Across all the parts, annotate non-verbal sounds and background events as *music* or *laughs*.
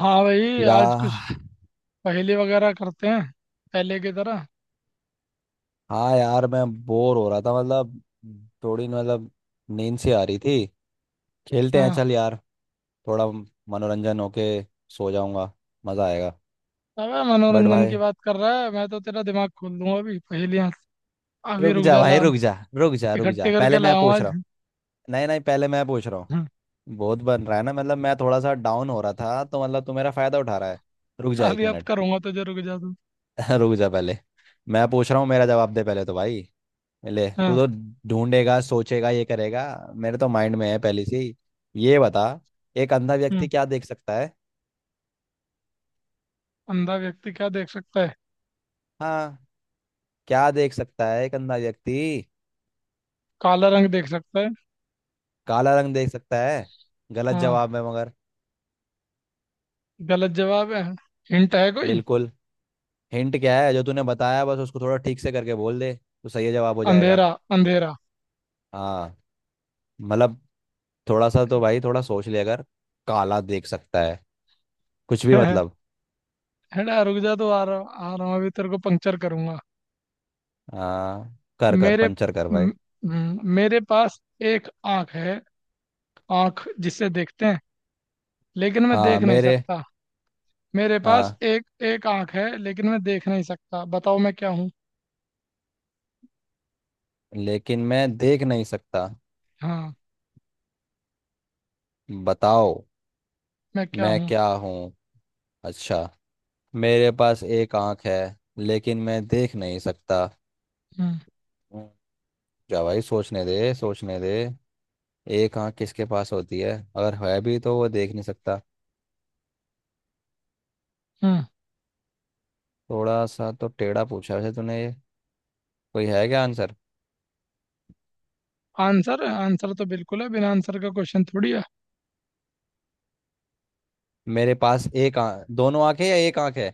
हाँ भाई, या। आज कुछ पहेली वगैरह करते हैं पहले की तरह। हाँ यार, मैं बोर हो रहा था। मतलब थोड़ी, मतलब नींद सी आ रही थी। खेलते हैं, हाँ, चल यार। थोड़ा मनोरंजन होके सो जाऊंगा, मजा आएगा। अबे बट मनोरंजन की भाई, बात कर रहा है, मैं तो तेरा दिमाग खोल दूंगा अभी पहेलियाँ। अभी रुक रुक जा जा, भाई, ला रुक जा। रुक जा रुक जा, इकट्ठे करके पहले मैं लाऊं पूछ रहा आज। हूँ। नहीं नहीं, पहले मैं पूछ रहा हम्म, हूँ। बहुत बन रहा है ना। मतलब मैं थोड़ा सा डाउन हो रहा था, तो मतलब तू मेरा फायदा उठा रहा है। रुक जा एक अभी अब मिनट। करूंगा तुझे, रुक जा तू। *laughs* रुक जा पहले, मैं पूछ रहा हूँ। मेरा जवाब दे पहले तो भाई। ले, तू हाँ। तो ढूंढेगा, सोचेगा, ये करेगा। मेरे तो माइंड में है पहले से ही। ये बता, एक अंधा व्यक्ति हम्म, क्या देख सकता है। अंधा व्यक्ति क्या देख सकता है? हाँ। क्या देख सकता है एक अंधा व्यक्ति। काला रंग देख सकता है। काला रंग देख सकता है, गलत हाँ, जवाब है मगर। गलत जवाब है। हिंट है कोई? बिल्कुल। हिंट क्या है, जो तूने बताया बस उसको थोड़ा ठीक से करके बोल दे तो सही जवाब हो जाएगा। अंधेरा। अंधेरा। हाँ। मतलब थोड़ा सा तो भाई, थोड़ा सोच ले। अगर काला देख सकता है, कुछ भी मतलब। *laughs* हेड़ा रुक जा तो, आ रहा। आ रहा हूँ अभी, तेरे को पंक्चर करूंगा। हाँ कर कर, मेरे पंचर कर भाई। म- मेरे पास एक आंख है, आंख जिसे देखते हैं लेकिन मैं हाँ देख नहीं मेरे सकता। मेरे पास हाँ, एक एक आंख है लेकिन मैं देख नहीं सकता, बताओ मैं क्या हूँ। लेकिन मैं देख नहीं सकता। हाँ। बताओ मैं क्या मैं हूँ। क्या हूँ। अच्छा, मेरे पास एक आंख है, लेकिन मैं देख नहीं सकता हम्म। हूँ। जा भाई, सोचने दे सोचने दे। एक आंख किसके पास होती है, अगर है भी तो वो देख नहीं सकता। हम्म। थोड़ा सा तो टेढ़ा पूछा वैसे तूने ये। कोई है क्या आंसर? आंसर? आंसर तो बिल्कुल है, बिना आंसर का क्वेश्चन थोड़ी है। मेरे पास एक आंख, दोनों आंखें, या एक आंख है?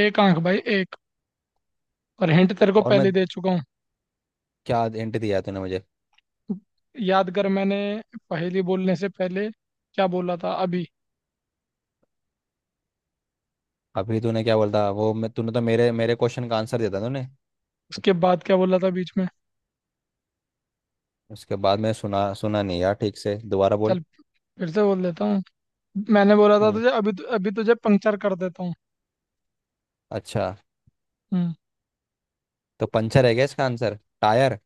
एक आंख भाई, एक। और हिंट तेरे को और पहले मैं, दे चुका हूँ। क्या हिंट दिया तूने मुझे? याद कर, मैंने पहेली बोलने से पहले क्या बोला था अभी। अभी तूने क्या बोलता, वो मैं तूने तो मेरे मेरे क्वेश्चन का आंसर दिया था तूने। उसके बाद क्या बोला था बीच में। उसके बाद मैंने सुना सुना नहीं यार, ठीक से दोबारा बोल। चल, फिर से बोल देता हूँ। मैंने बोला था हम्म। तुझे, अभी अभी तुझे पंक्चर कर देता हूँ। अच्छा, हम्म। तो पंचर है क्या इसका आंसर? टायर?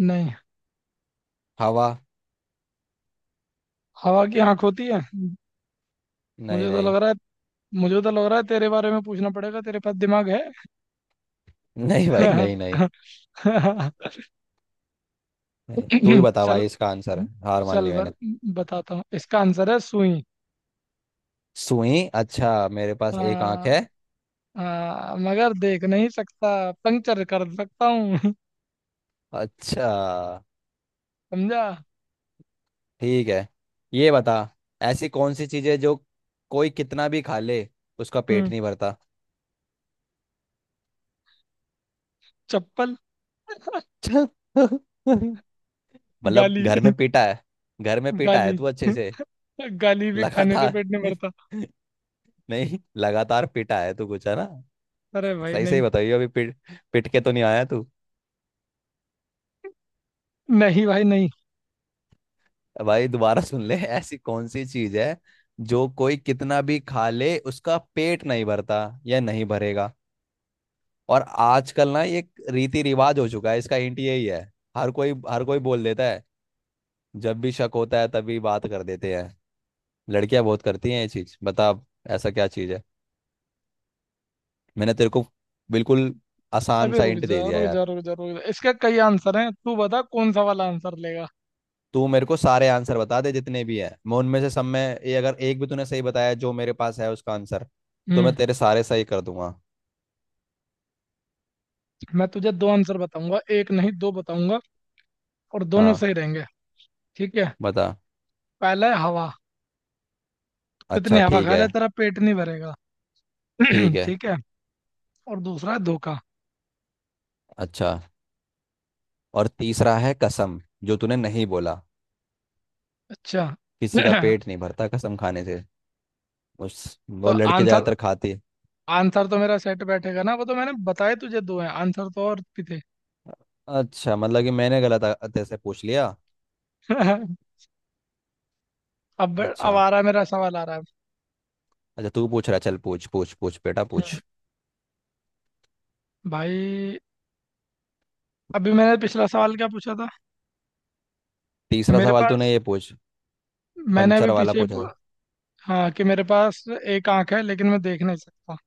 नहीं। हवा? हवा की आंख होती है? नहीं मुझे तो लग नहीं रहा है। मुझे तो लग रहा है तेरे बारे में पूछना पड़ेगा, तेरे पास दिमाग है? नहीं भाई नहीं नहीं *laughs* नहीं। तू ही बता चल भाई इसका आंसर, हार मान चल ली मैंने। ब- बताता हूँ, इसका आंसर है सुई। सुई? अच्छा, मेरे पास एक आंख है। आ, मगर देख नहीं सकता, पंक्चर कर सकता हूँ। *laughs* अच्छा समझा। ठीक है। ये बता, ऐसी कौन सी चीज है जो कोई कितना भी खा ले उसका पेट हम्म, नहीं भरता। *laughs* चप्पल। चल। मतलब गाली। घर में पीटा है। घर में *laughs* पीटा है गाली। तू अच्छे से *laughs* गाली भी खाने से लगातार। पेट नहीं भरता। *laughs* नहीं, लगातार पीटा है तू, कुछ है ना। अरे भाई सही सही नहीं। बताइए, अभी पीट, पिट के तो नहीं आया तू। नहीं भाई नहीं। भाई दोबारा सुन ले, ऐसी कौन सी चीज है जो कोई कितना भी खा ले उसका पेट नहीं भरता या नहीं भरेगा। और आजकल ना ये एक रीति रिवाज हो चुका है, इसका इंट यही है। हर कोई बोल देता है, जब भी शक होता है तभी बात कर देते हैं। लड़कियां बहुत करती हैं ये चीज, बता अब। ऐसा क्या चीज है? मैंने तेरे को बिल्कुल आसान अबे सा रुक इंट जा दे दिया रुक जा यार। रुक जा रुक जा, इसके कई आंसर हैं, तू बता कौन सा वाला आंसर लेगा। तू मेरे को सारे आंसर बता दे, जितने भी हैं, मैं उनमें से सब में, ये अगर एक भी तूने सही बताया जो मेरे पास है उसका आंसर, तो मैं हम्म। तेरे सारे सही कर दूंगा। मैं तुझे दो आंसर बताऊंगा, एक नहीं दो बताऊंगा, और दोनों हाँ, सही रहेंगे। ठीक है, बता। पहला है हवा। कितनी अच्छा हवा ठीक खा है। ले तेरा पेट नहीं भरेगा। ठीक *clears throat* है। ठीक है। और दूसरा है धोखा। अच्छा। और तीसरा है कसम, जो तूने नहीं बोला। अच्छा। किसी का *clears throat* पेट नहीं भरता कसम खाने से, उस तो वो लड़के आंसर, ज़्यादातर खाते। आंसर तो मेरा सेट बैठेगा ना, वो तो मैंने बताए तुझे दो हैं, आंसर तो और भी थे। अच्छा, मतलब कि मैंने गलत अतः से पूछ लिया। *laughs* अब अच्छा आ रहा है मेरा सवाल, आ रहा है। अच्छा, तू पूछ रहा है, चल पूछ पूछ पूछ बेटा हम्म, पूछ। भाई, अभी मैंने पिछला सवाल क्या पूछा था? कि तीसरा मेरे सवाल तूने पास, ये पूछ, मैंने अभी पंचर वाला पीछे पूछा पू- था। हाँ, कि मेरे पास एक आंख है लेकिन मैं देख नहीं सकता।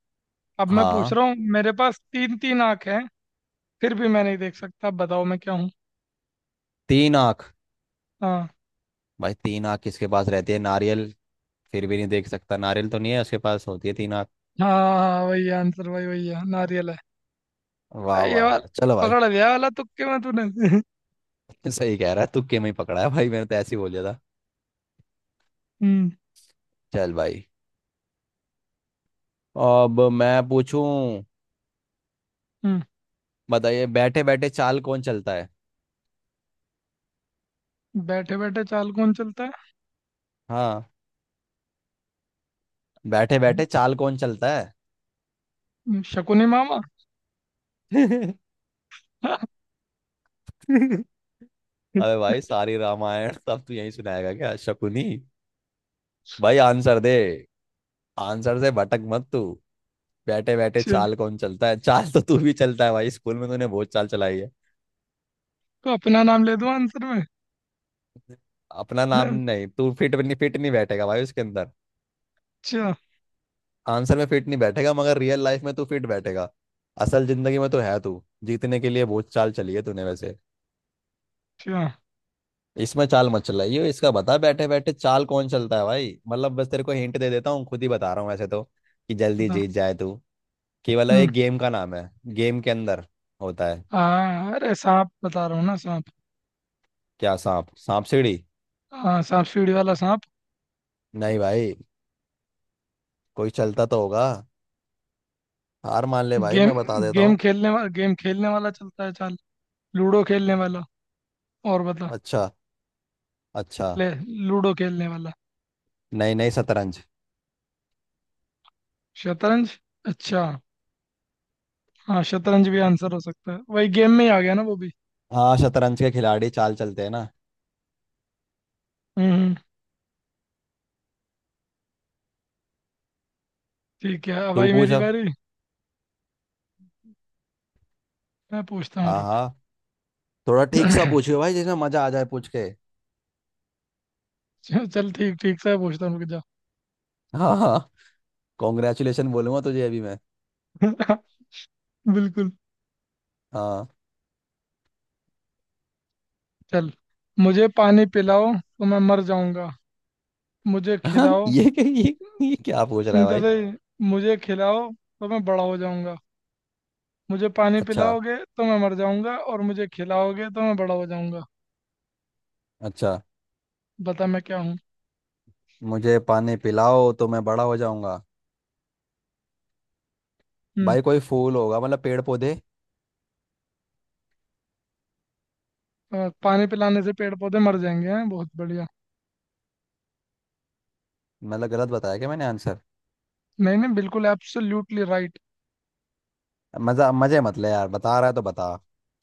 अब मैं पूछ हाँ। रहा हूँ, मेरे पास तीन तीन आंख हैं फिर भी मैं नहीं देख सकता, अब बताओ मैं क्या हूँ। तीन आँख? हाँ। भाई तीन आँख किसके पास रहती है? नारियल। फिर भी नहीं देख सकता नारियल, तो नहीं है उसके पास होती है तीन आँख। हाँ हाँ, वही आंसर भाई, वही है, नारियल है। वाह अरे ये वाह वाला वाह, चलो भाई। पकड़ लिया वाला तुक्के में तूने। *laughs* *laughs* सही कह रहा है, तुक्के में ही पकड़ा है भाई, मैंने तो ऐसे ही बोल दिया था। हम्म। चल भाई, अब मैं पूछूं। हम्म, बताइए, बैठे बैठे चाल कौन चलता है। बैठे बैठे चाल कौन चलता हाँ, बैठे है? बैठे चाल कौन चलता है। शकुनी मामा। *laughs* *laughs* अरे भाई, सारी रामायण सब तू यही सुनाएगा क्या, शकुनी? भाई आंसर दे, आंसर से भटक मत तू। बैठे बैठे अच्छा, चाल कौन चलता है? चाल तो तू भी चलता है भाई, स्कूल में तूने बहुत चाल चलाई है। तो अपना नाम ले दूं आंसर में? अपना अच्छा। नाम नहीं, तू फिट नहीं, फिट नहीं बैठेगा भाई उसके अंदर। आंसर में फिट नहीं बैठेगा, मगर रियल लाइफ में तू फिट बैठेगा। असल जिंदगी में तो है तू, जीतने के लिए बहुत चाल चली है तूने वैसे। अच्छा, इसमें चाल मत चलाइयो, इसका बता, बैठे बैठे चाल कौन चलता है भाई। मतलब बस तेरे को हिंट दे देता हूँ, खुद ही बता रहा हूँ वैसे तो, कि जल्दी बता। जीत जाए तू। केवल हम्म। एक गेम का नाम है, गेम के अंदर होता है। हाँ अरे सांप, बता रहा हूँ ना, सांप। क्या, सांप? सांप सीढ़ी? हाँ सांप सीढ़ी वाला सांप। नहीं भाई, कोई चलता तो होगा। हार मान ले भाई, गेम, मैं बता देता गेम हूँ। खेलने वाला, गेम खेलने वाला चलता है चाल। लूडो खेलने वाला। और बता। अच्छा अच्छा। ले, लूडो खेलने वाला। नहीं नहीं, शतरंज। शतरंज? अच्छा, हाँ शतरंज भी आंसर हो सकता है, वही गेम में ही आ गया ना वो भी। हाँ, शतरंज के खिलाड़ी चाल चलते हैं ना। हम्म। हम्म। ठीक है, अब तू आई पूछ मेरी अब। बारी। मैं पूछता हूँ, हाँ रुक। हाँ। थोड़ा ठीक सा *laughs* पूछियो भाई, जिसमें मजा आ जाए पूछ के। चल चल, ठीक ठीक से पूछता हूँ, रुक जा। हाँ हाँ, कॉन्ग्रेचुलेशन बोलूंगा तुझे अभी मैं। *laughs* बिल्कुल। हाँ। चल, मुझे पानी पिलाओ तो मैं मर जाऊंगा, मुझे हाँ, खिलाओ। ये, क्या ये ये क्या पूछ रहा है सुनते भाई। से ही, मुझे खिलाओ तो मैं बड़ा हो जाऊंगा। मुझे पानी अच्छा। पिलाओगे तो मैं मर जाऊंगा, और मुझे खिलाओगे तो मैं बड़ा हो जाऊंगा। अच्छा, बता मैं क्या हूँ। मुझे पानी पिलाओ तो मैं बड़ा हो जाऊंगा? हम्म। भाई कोई फूल होगा, मतलब पेड़ पौधे। पानी पिलाने से पेड़ पौधे मर जाएंगे? हैं, बहुत बढ़िया। मतलब गलत बताया क्या मैंने आंसर? नहीं नहीं, बिल्कुल एब्सोल्युटली राइट। मजा, मजे मत ले यार, बता रहा है तो बता,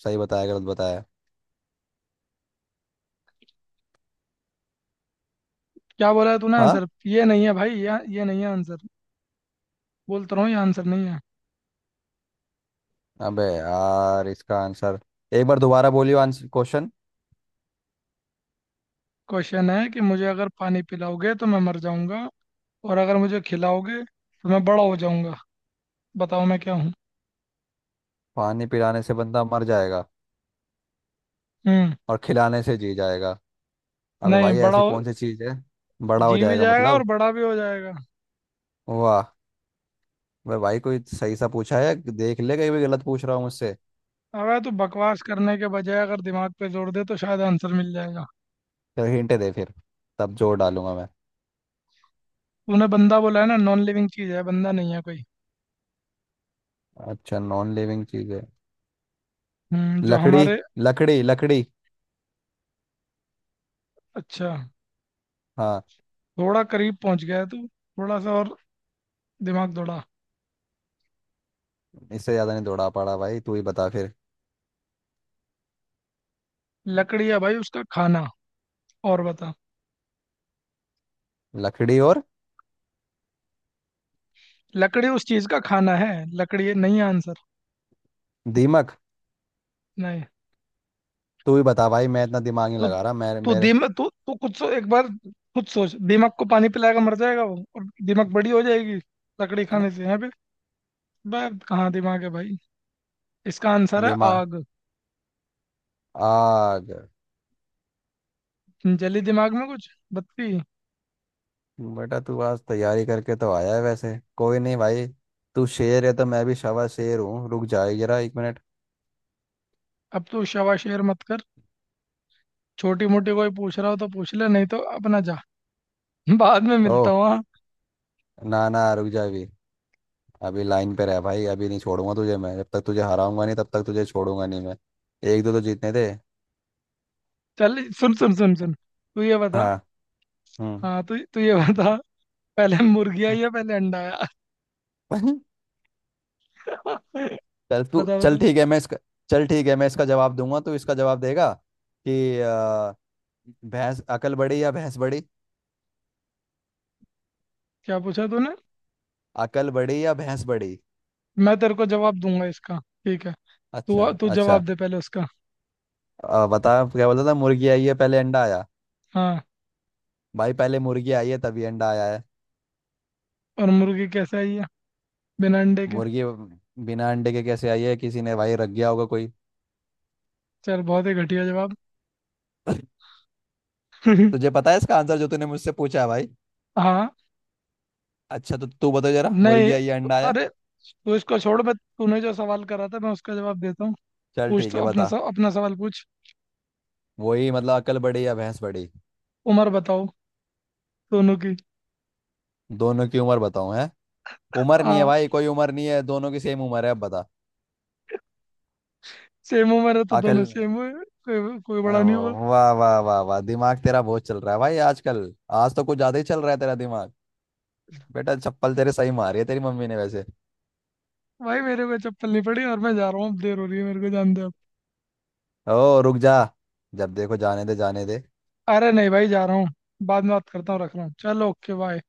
सही बताया गलत बताया? क्या बोला है तूने हाँ। आंसर, ये नहीं है भाई, ये नहीं है आंसर। बोलता रहा हूँ ये आंसर नहीं है। अबे यार, इसका आंसर एक बार दोबारा बोलियो, आंसर, क्वेश्चन। क्वेश्चन है कि मुझे अगर पानी पिलाओगे तो मैं मर जाऊंगा, और अगर मुझे खिलाओगे तो मैं बड़ा हो जाऊंगा। बताओ मैं क्या हूँ। पानी पिलाने से बंदा मर जाएगा, हम्म। और खिलाने से जी जाएगा? अबे नहीं भाई, बड़ा ऐसी हो- कौन सी चीज है? बड़ा हो जी भी जाएगा जाएगा और मतलब। बड़ा भी हो जाएगा। वाह। अबे भाई कोई सही सा पूछा है, देख ले कहीं भी गलत पूछ रहा हूँ मुझसे। अबे तू बकवास करने के बजाय अगर दिमाग पे जोर दे तो शायद आंसर मिल जाएगा। फिर हिंट दे फिर, तब जोर डालूंगा मैं। तूने बंदा बोला है ना, नॉन लिविंग चीज है, बंदा नहीं है कोई। अच्छा, नॉन लिविंग चीज है। हम्म, जो लकड़ी हमारे। लकड़ी लकड़ी। अच्छा, हाँ। थोड़ा करीब पहुंच गया है तू, थोड़ा सा और दिमाग दौड़ा। इससे ज्यादा नहीं दौड़ा पड़ा भाई, तू ही बता फिर। लकड़ी है भाई उसका खाना, और बता। लकड़ी और? लकड़ी उस चीज का खाना है, लकड़ी ये नहीं है आंसर। दीमक? नहीं। तू ही बता भाई, मैं इतना दिमाग नहीं तो लगा रहा। मेरे तो मेरे दिमाग तो खुद सो एक बार, खुद सोच, दिमाग को पानी पिलाएगा मर जाएगा वो, और दिमाग बड़ी हो जाएगी। लकड़ी खाने से है बे। बे, कहाँ दिमाग है भाई। इसका आंसर है दिमाग, आग। आग। जली दिमाग में कुछ बत्ती? बेटा तू आज तैयारी करके तो आया है वैसे, कोई नहीं भाई, तू शेर है तो मैं भी शवा शेर हूँ। रुक जा जरा एक मिनट। अब तू शवा शेर मत कर। छोटी मोटी कोई पूछ रहा हो तो पूछ ले, नहीं तो अपना जा। *laughs* बाद में ओ, मिलता हूँ, हाँ। ना ना, रुक जा अभी। अभी लाइन पे रह भाई, अभी नहीं छोड़ूंगा तुझे मैं, जब तक तुझे हराऊंगा नहीं तब तक तुझे छोड़ूंगा नहीं मैं। एक दो तो जीतने थे। चल सुन सुन, तू ये बता। हाँ। हम्म हाँ, तू तू ये बता, पहले मुर्गी हम्म। आई या पहले अंडा आया? *laughs* *laughs* चल तू, बता चल बता। ठीक है, मैं इसका, चल ठीक है मैं इसका जवाब दूंगा तो इसका जवाब देगा कि, भैंस अकल बड़ी या भैंस बड़ी। क्या पूछा तूने? अकल बड़ी या भैंस बड़ी। मैं तेरे को जवाब दूंगा इसका, ठीक है। अच्छा तू तू अच्छा। जवाब दे पहले उसका। बता, क्या बोला था, मुर्गी आई है पहले अंडा आया? हाँ। भाई पहले मुर्गी आई है तभी अंडा आया है। और मुर्गी कैसे आई है बिना अंडे के? मुर्गी बिना अंडे के कैसे आई है? किसी ने भाई रख गया होगा कोई। चल, बहुत ही घटिया जवाब। *laughs* तुझे पता है इसका आंसर जो तूने मुझसे पूछा है भाई? हाँ। अच्छा तो तू बता जरा, नहीं, मुर्गी आई या अंडा आया। अरे, तू इसको छोड़, मैं, तूने जो सवाल करा था मैं उसका जवाब देता हूँ। चल पूछ ठीक तो है, अपना बता। अपना सवाल पूछ। वही मतलब, अकल बड़ी या भैंस बड़ी। उम्र बताओ दोनों की। दोनों की उम्र बताऊं है? उम्र नहीं है हाँ, भाई, कोई उम्र नहीं है, दोनों की सेम उम्र है, अब बता। सेम उम्र है तो अकल। दोनों सेम हुए, कोई कोई बड़ा नहीं हुआ। वाह वाह वाह वाह, दिमाग तेरा बहुत चल रहा है भाई आजकल। आज तो कुछ ज्यादा ही चल रहा है तेरा दिमाग। बेटा चप्पल तेरे सही मारी है तेरी मम्मी ने वैसे। भाई मेरे को चप्पल नहीं पड़ी, और मैं जा रहा हूँ अब, देर हो रही है, मेरे को जान दे अब। ओ रुक जा। जब देखो जाने दे जाने दे। अरे नहीं भाई, जा रहा हूँ, बाद में बात करता हूँ, रख रहा हूँ, चलो ओके बाय।